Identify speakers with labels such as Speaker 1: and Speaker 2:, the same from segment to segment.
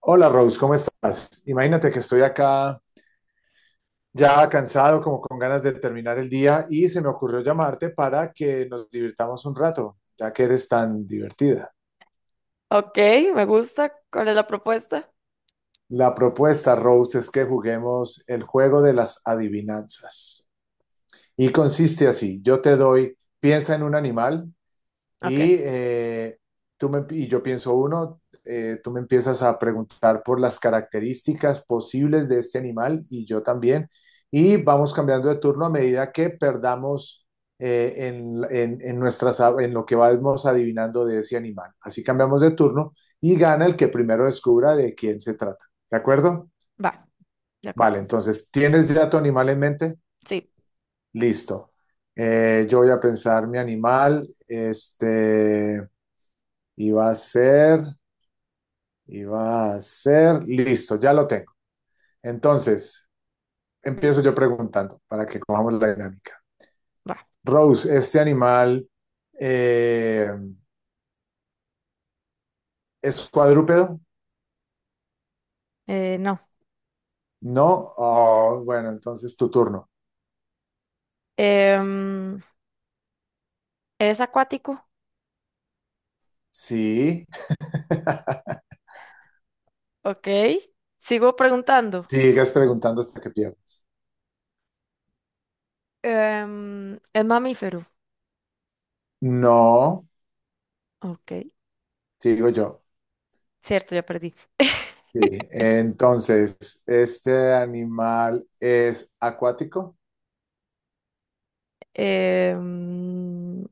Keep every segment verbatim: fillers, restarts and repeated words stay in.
Speaker 1: Hola Rose, ¿cómo estás? Imagínate que estoy acá ya cansado, como con ganas de terminar el día y se me ocurrió llamarte para que nos divirtamos un rato, ya que eres tan divertida.
Speaker 2: Ok, me gusta. ¿Cuál es la propuesta?
Speaker 1: La propuesta, Rose, es que juguemos el juego de las adivinanzas. Y consiste así, yo te doy, piensa en un animal.
Speaker 2: Ok,
Speaker 1: Y, eh, tú me, y yo pienso uno, eh, tú me empiezas a preguntar por las características posibles de este animal y yo también. Y vamos cambiando de turno a medida que perdamos eh, en, en, en nuestras, en lo que vamos adivinando de ese animal. Así cambiamos de turno y gana el que primero descubra de quién se trata. ¿De acuerdo?
Speaker 2: va, de acuerdo.
Speaker 1: Vale, entonces, ¿tienes ya tu animal en mente?
Speaker 2: Sí,
Speaker 1: Listo. Eh, yo voy a pensar mi animal. Este, y va a ser, y va a ser, listo, ya lo tengo. Entonces, empiezo yo preguntando para que cojamos la dinámica.
Speaker 2: va.
Speaker 1: Rose, ¿este animal eh, es cuadrúpedo?
Speaker 2: Eh, no.
Speaker 1: No. Oh, bueno, entonces tu turno.
Speaker 2: Em, ¿Es acuático?
Speaker 1: Sí.
Speaker 2: Ok. Sigo preguntando.
Speaker 1: Sigues preguntando hasta que pierdas.
Speaker 2: Em, ¿es mamífero?
Speaker 1: No,
Speaker 2: Ok.
Speaker 1: sigo yo.
Speaker 2: Cierto, ya perdí.
Speaker 1: Sí. Entonces, ¿este animal es acuático?
Speaker 2: Em,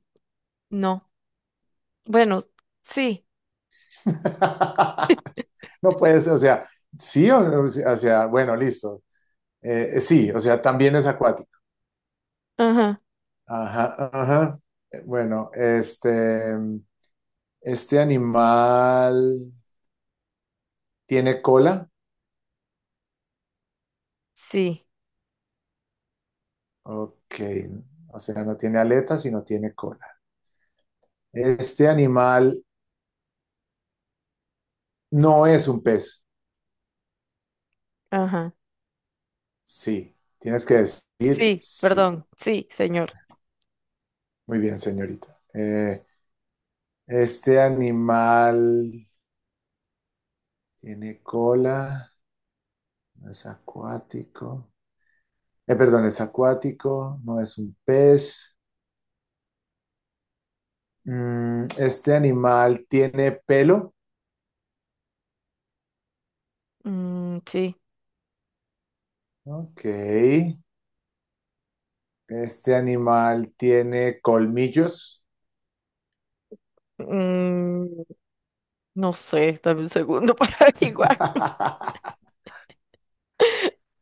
Speaker 2: no. Bueno, sí.
Speaker 1: No puedes, o sea, sí, o, o sea, bueno, listo. Eh, sí, o sea, también es acuático.
Speaker 2: Ajá.
Speaker 1: Ajá, ajá. Eh, Bueno, este, este animal tiene cola.
Speaker 2: Sí.
Speaker 1: Ok, o sea, no tiene aletas, sino tiene cola. Este animal no es un pez.
Speaker 2: Ajá.
Speaker 1: Sí, tienes que decir
Speaker 2: Sí,
Speaker 1: sí.
Speaker 2: perdón. Sí, señor.
Speaker 1: Muy bien, señorita. Eh, este animal tiene cola, no es acuático. Eh, perdón, es acuático, no es un pez. Mm, este animal tiene pelo.
Speaker 2: Mm, sí.
Speaker 1: Ok. Este animal tiene colmillos.
Speaker 2: Mm, no sé, dame un segundo para averiguarlo.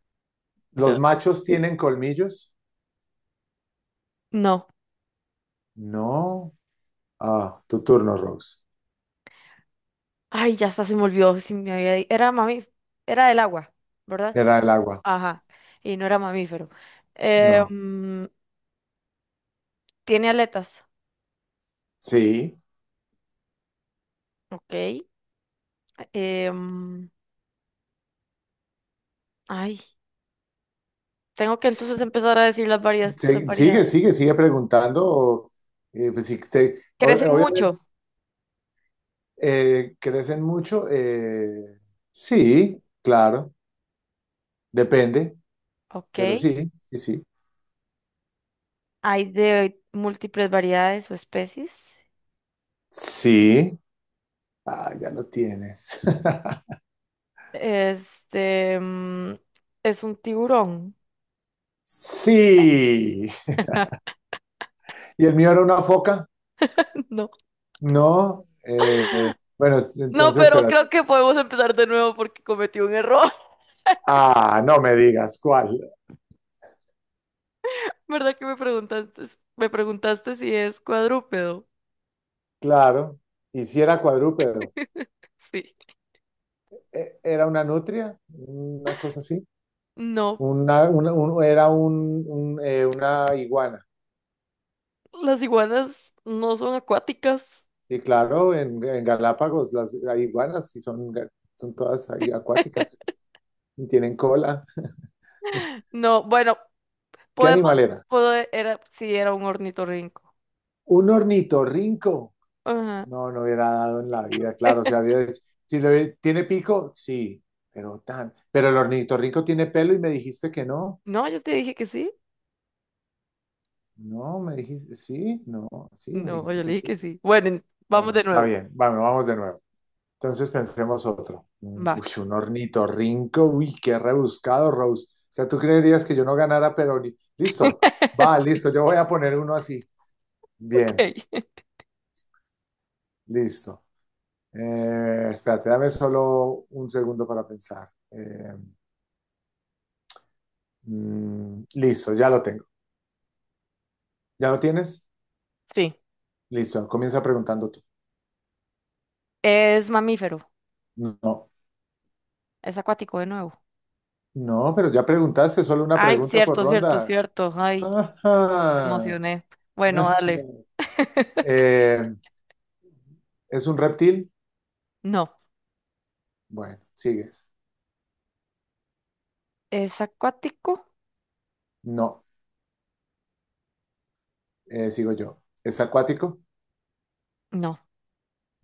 Speaker 1: ¿Los machos tienen colmillos?
Speaker 2: No.
Speaker 1: No. Ah, tu turno, Rose.
Speaker 2: Ay, ya hasta se me olvidó si me había di- Era mamí... Era del agua, ¿verdad?
Speaker 1: Era el agua.
Speaker 2: Ajá. Y no era mamífero. Eh,
Speaker 1: No.
Speaker 2: mm, Tiene aletas.
Speaker 1: Sí.
Speaker 2: Ok. Eh, mm, ay, Tengo que entonces empezar a decir las varias, las
Speaker 1: Sí, sigue,
Speaker 2: variedades.
Speaker 1: sigue, sigue preguntando. O, eh, pues, si te- o-
Speaker 2: Crecen
Speaker 1: obviamente,
Speaker 2: mucho.
Speaker 1: eh, ¿crecen mucho? Eh, sí, claro. Depende.
Speaker 2: Ok.
Speaker 1: Pero sí, sí, sí.
Speaker 2: Hay de múltiples variedades o especies.
Speaker 1: Sí. Ah, ya lo tienes.
Speaker 2: Este, mm, es un tiburón.
Speaker 1: Sí. ¿Y el mío era una foca?
Speaker 2: No.
Speaker 1: No. Eh, bueno,
Speaker 2: No,
Speaker 1: entonces,
Speaker 2: pero
Speaker 1: espera.
Speaker 2: creo que podemos empezar de nuevo porque cometí un error.
Speaker 1: Ah, no me digas cuál.
Speaker 2: ¿Verdad que me preguntaste, me preguntaste si es cuadrúpedo?
Speaker 1: Claro. Y si era cuadrúpedo.
Speaker 2: Sí.
Speaker 1: Eh, ¿Era una nutria? Una cosa así.
Speaker 2: No,
Speaker 1: Una, una- un- era un, un, eh, una iguana.
Speaker 2: las iguanas no son acuáticas.
Speaker 1: Y claro, en, en Galápagos las, las iguanas sí son, ga- son todas ahí acuáticas y tienen cola.
Speaker 2: No, bueno,
Speaker 1: ¿Qué animal
Speaker 2: podemos,
Speaker 1: era?
Speaker 2: pode- era, sí, era un ornitorrinco.
Speaker 1: Un ornitorrinco.
Speaker 2: Ajá.
Speaker 1: No, no hubiera dado en la vida, claro. O sea, había- si lo hubiera- tiene pico, sí, pero tan. Pero el ornitorrinco tiene pelo y me dijiste que no.
Speaker 2: No, yo te dije que sí.
Speaker 1: No, me dijiste, sí, no, sí, me
Speaker 2: No,
Speaker 1: dijiste
Speaker 2: yo le
Speaker 1: que
Speaker 2: dije
Speaker 1: sí.
Speaker 2: que sí. Bueno, en- vamos
Speaker 1: Bueno,
Speaker 2: de
Speaker 1: está
Speaker 2: nuevo.
Speaker 1: bien. Bueno, vamos de nuevo. Entonces pensemos otro. Mm,
Speaker 2: Va.
Speaker 1: uy, un ornitorrinco, uy, qué rebuscado, Rose. O sea, tú creerías que yo no ganara, pero ni- listo. Va, listo, yo voy a poner uno así. Bien,
Speaker 2: Ok.
Speaker 1: listo. Eh, espérate, dame solo un segundo para pensar. Eh, mm, listo, ya lo tengo. ¿Ya lo tienes?
Speaker 2: Sí,
Speaker 1: Listo, comienza preguntando tú.
Speaker 2: es mamífero,
Speaker 1: No,
Speaker 2: es acuático de nuevo.
Speaker 1: no, pero ya preguntaste solo una
Speaker 2: Ay,
Speaker 1: pregunta por
Speaker 2: cierto, cierto,
Speaker 1: ronda.
Speaker 2: cierto. Ay,
Speaker 1: Ajá,
Speaker 2: me
Speaker 1: ajá.
Speaker 2: emocioné. Bueno, dale.
Speaker 1: Eh, ¿Es un reptil?
Speaker 2: No,
Speaker 1: Bueno, sigues.
Speaker 2: es acuático.
Speaker 1: No, eh, sigo yo. ¿Es acuático?
Speaker 2: No.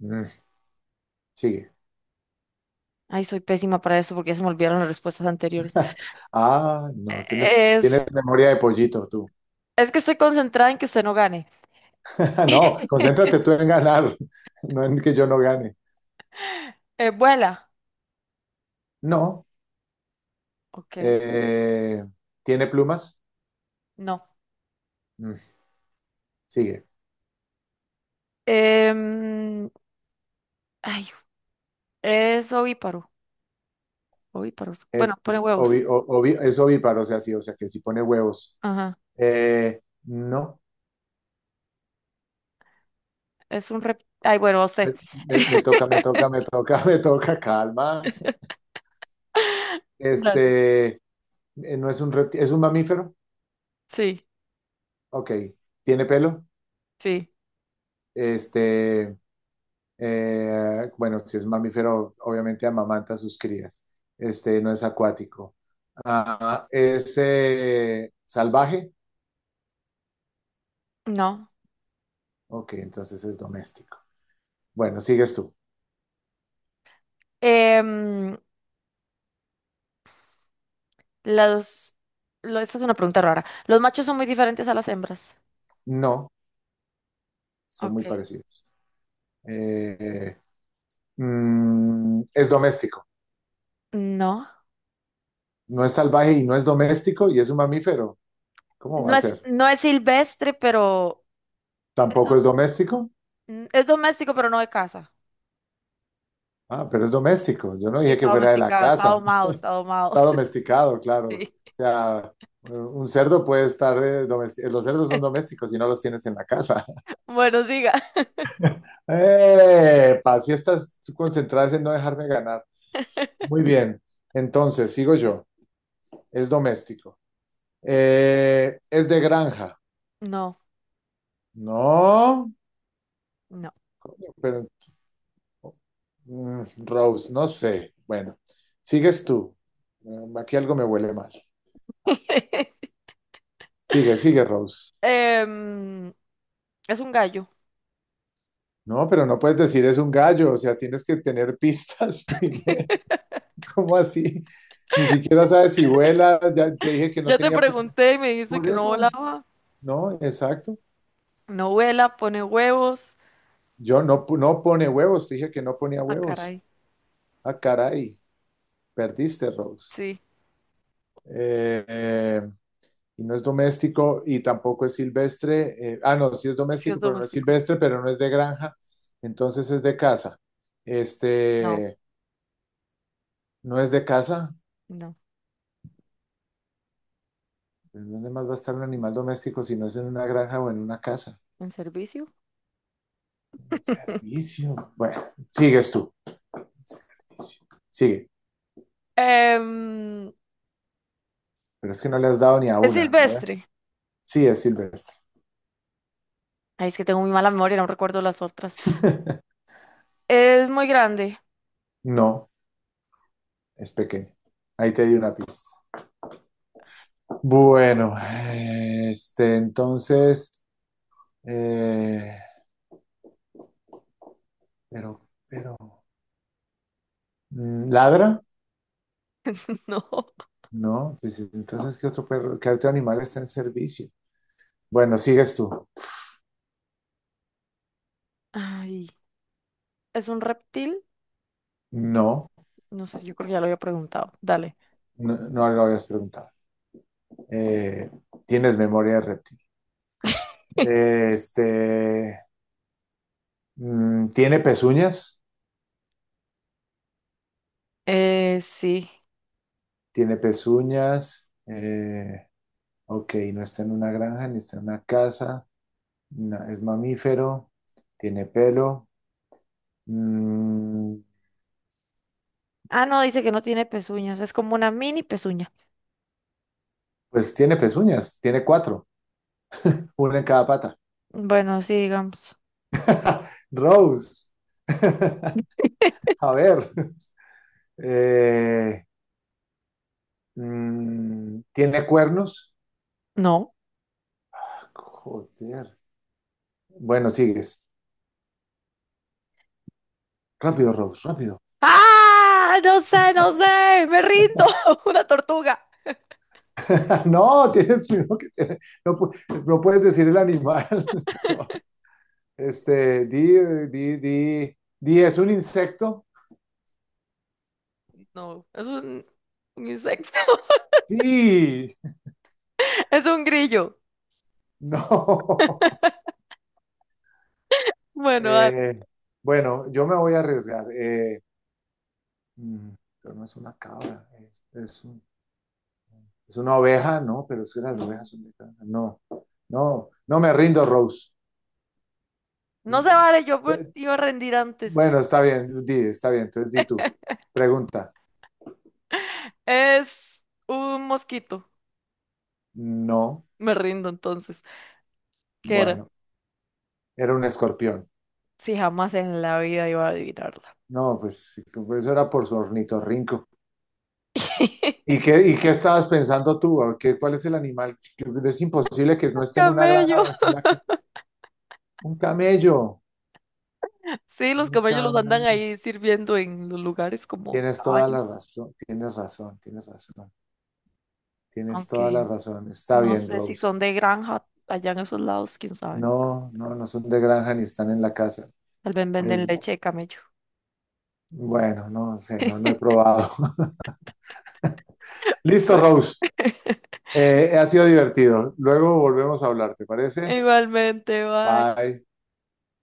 Speaker 1: Mm, sigue.
Speaker 2: Ay, soy pésima para eso porque ya se me olvidaron las respuestas anteriores.
Speaker 1: Ah, no, tienes,
Speaker 2: Es,
Speaker 1: tienes memoria de pollito tú.
Speaker 2: es que estoy concentrada en que usted no gane.
Speaker 1: No, concéntrate tú en ganar, no en que yo no gane.
Speaker 2: Eh, vuela.
Speaker 1: No.
Speaker 2: Ok,
Speaker 1: eh, ¿Tiene plumas?
Speaker 2: no.
Speaker 1: Mm, sigue.
Speaker 2: Em, ay, es ovíparo. Ovíparo.
Speaker 1: Es,
Speaker 2: Bueno, pone huevos.
Speaker 1: ovi- o- ovi- es ovíparo, o sea, sí, o sea, que si pone huevos.
Speaker 2: Ajá.
Speaker 1: Eh, no.
Speaker 2: Es un rep. Ay, bueno,
Speaker 1: Me,
Speaker 2: usted.
Speaker 1: me- me toca, me toca, me toca, me toca, calma.
Speaker 2: Dale.
Speaker 1: Este, eh, no es un reptil, es un mamífero.
Speaker 2: Sí,
Speaker 1: Ok. ¿Tiene pelo?
Speaker 2: sí.
Speaker 1: Este, eh, bueno, si es un mamífero, obviamente amamanta a sus crías. Este, no es acuático. Ah, es eh, salvaje.
Speaker 2: No.
Speaker 1: Ok, entonces es doméstico. Bueno, sigues tú.
Speaker 2: Em, los, lo- Esta es una pregunta rara. Los machos son muy diferentes a las hembras.
Speaker 1: No, son muy
Speaker 2: Ok.
Speaker 1: parecidos. Eh, mm, es doméstico.
Speaker 2: No.
Speaker 1: No es salvaje y no es doméstico y es un mamífero. ¿Cómo va
Speaker 2: No
Speaker 1: a
Speaker 2: es,
Speaker 1: ser?
Speaker 2: no es silvestre, pero
Speaker 1: Tampoco es doméstico.
Speaker 2: mm, es doméstico, pero no de casa.
Speaker 1: Ah, pero es doméstico. Yo no
Speaker 2: Sí,
Speaker 1: dije que
Speaker 2: está
Speaker 1: fuera de la
Speaker 2: domesticado, está
Speaker 1: casa.
Speaker 2: domado, está domado.
Speaker 1: Está domesticado, claro.
Speaker 2: Sí.
Speaker 1: O sea, un cerdo puede estar domesticado. Los cerdos son domésticos y no los tienes en la casa.
Speaker 2: Bueno, siga.
Speaker 1: ¡Eh! Si estás concentrada en no dejarme ganar. Muy bien. Entonces, sigo yo. Es doméstico. Eh, es de granja.
Speaker 2: No,
Speaker 1: No,
Speaker 2: no.
Speaker 1: pero mm, Rose, no sé. Bueno, sigues tú. Mm, aquí algo me huele mal. Sigue, sigue, Rose.
Speaker 2: Em, es un gallo.
Speaker 1: No, pero no puedes decir es un gallo, o sea, tienes que tener pistas primero. ¿Cómo así? Ni siquiera sabes si vuela, ya te dije que no
Speaker 2: Ya te
Speaker 1: tenía pu-
Speaker 2: pregunté y me dijiste
Speaker 1: por
Speaker 2: que no
Speaker 1: eso.
Speaker 2: volaba.
Speaker 1: No, exacto.
Speaker 2: No vuela, pone huevos.
Speaker 1: Yo no, pu- no pone huevos, te dije que no ponía
Speaker 2: Ah,
Speaker 1: huevos.
Speaker 2: caray.
Speaker 1: Ah, caray, perdiste, Rose.
Speaker 2: Sí,
Speaker 1: Eh, eh, y no es doméstico y tampoco es silvestre. Eh, ah, no, sí es
Speaker 2: sí es
Speaker 1: doméstico, pero no es
Speaker 2: doméstico.
Speaker 1: silvestre, pero no es de granja, entonces es de casa.
Speaker 2: No,
Speaker 1: Este, no es de casa.
Speaker 2: no.
Speaker 1: ¿En dónde más va a estar un animal doméstico si no es en una granja o en una casa?
Speaker 2: ¿En servicio?
Speaker 1: Servicio. Bueno, sigues tú. Servicio. Sigue.
Speaker 2: Em,
Speaker 1: Pero es que no le has dado ni a
Speaker 2: es
Speaker 1: una. A ver.
Speaker 2: silvestre.
Speaker 1: Sí, es silvestre.
Speaker 2: Ay, es que tengo muy mala memoria, no recuerdo las otras. Es muy grande.
Speaker 1: No, es pequeño. Ahí te di una pista. Bueno, este, entonces, eh, Pero, pero, mm, ¿ladra?
Speaker 2: No.
Speaker 1: No, pues entonces, ¿qué otro perro, qué otro animal está en servicio? Bueno, sigues tú.
Speaker 2: Ay, ¿es un reptil?
Speaker 1: No,
Speaker 2: No sé, si, yo creo que ya lo había preguntado. Dale.
Speaker 1: no, no lo habías preguntado. Eh, ¿Tienes memoria de reptil? Eh, Este, mm, ¿tiene pezuñas?
Speaker 2: Eh, sí.
Speaker 1: Tiene pezuñas. Eh, ok, no está en una granja ni está en una casa. No, es mamífero. Tiene pelo. Mm,
Speaker 2: Ah, no, dice que no tiene pezuñas. Es como una mini pezuña.
Speaker 1: pues tiene pezuñas. Tiene cuatro. Una en cada pata.
Speaker 2: Bueno, sí, digamos.
Speaker 1: Rose. A ver. eh, mm, ¿tiene cuernos?
Speaker 2: No.
Speaker 1: Joder. Bueno, sigues. Rápido, Rose, rápido.
Speaker 2: ¡Ah! No sé, no sé. Me rindo. Una tortuga.
Speaker 1: No, tienes primero que tener- no, no puedes decir el animal. No. Este, di, di, di, di, ¿es un insecto?
Speaker 2: No, es un, un insecto.
Speaker 1: Sí,
Speaker 2: Es un grillo.
Speaker 1: no.
Speaker 2: Bueno, dale.
Speaker 1: Eh, bueno, yo me voy a arriesgar. Eh, mm, pero no es una cabra, es, es un- es una oveja, no, pero es que las
Speaker 2: No.
Speaker 1: ovejas son mexicanas. No, no, no me rindo, Rose.
Speaker 2: No se vale, yo me iba a rendir antes.
Speaker 1: Bueno, está bien, di, está bien, entonces di tú. Pregunta,
Speaker 2: Es un mosquito.
Speaker 1: no,
Speaker 2: Me rindo entonces. ¿Qué era?
Speaker 1: bueno, era un escorpión.
Speaker 2: Si jamás en la vida iba a adivinarla.
Speaker 1: No, pues sí, pues eso era por su ornitorrinco. ¿Y qué, y qué estabas pensando tú? ¿A ¿Qué, ¿Cuál es el animal? Que es imposible que no esté en una granja
Speaker 2: Camello.
Speaker 1: o esté en la casa. Un camello,
Speaker 2: Sí, los
Speaker 1: un
Speaker 2: camellos los andan
Speaker 1: camello.
Speaker 2: ahí sirviendo en los lugares como
Speaker 1: Tienes toda la
Speaker 2: caballos,
Speaker 1: razón, tienes razón, tienes razón, tienes toda
Speaker 2: aunque
Speaker 1: la razón. Está
Speaker 2: no
Speaker 1: bien,
Speaker 2: sé si
Speaker 1: Rose.
Speaker 2: son de granja allá en esos lados, quién sabe.
Speaker 1: No, no, no son de granja ni están en la casa.
Speaker 2: Tal vez
Speaker 1: Es,
Speaker 2: venden leche de camello.
Speaker 1: bueno, no sé, no, no he probado. Listo,
Speaker 2: Bueno,
Speaker 1: Rose. Eh, ha sido divertido. Luego volvemos a hablar, ¿te parece?
Speaker 2: igualmente, bye.
Speaker 1: Bye.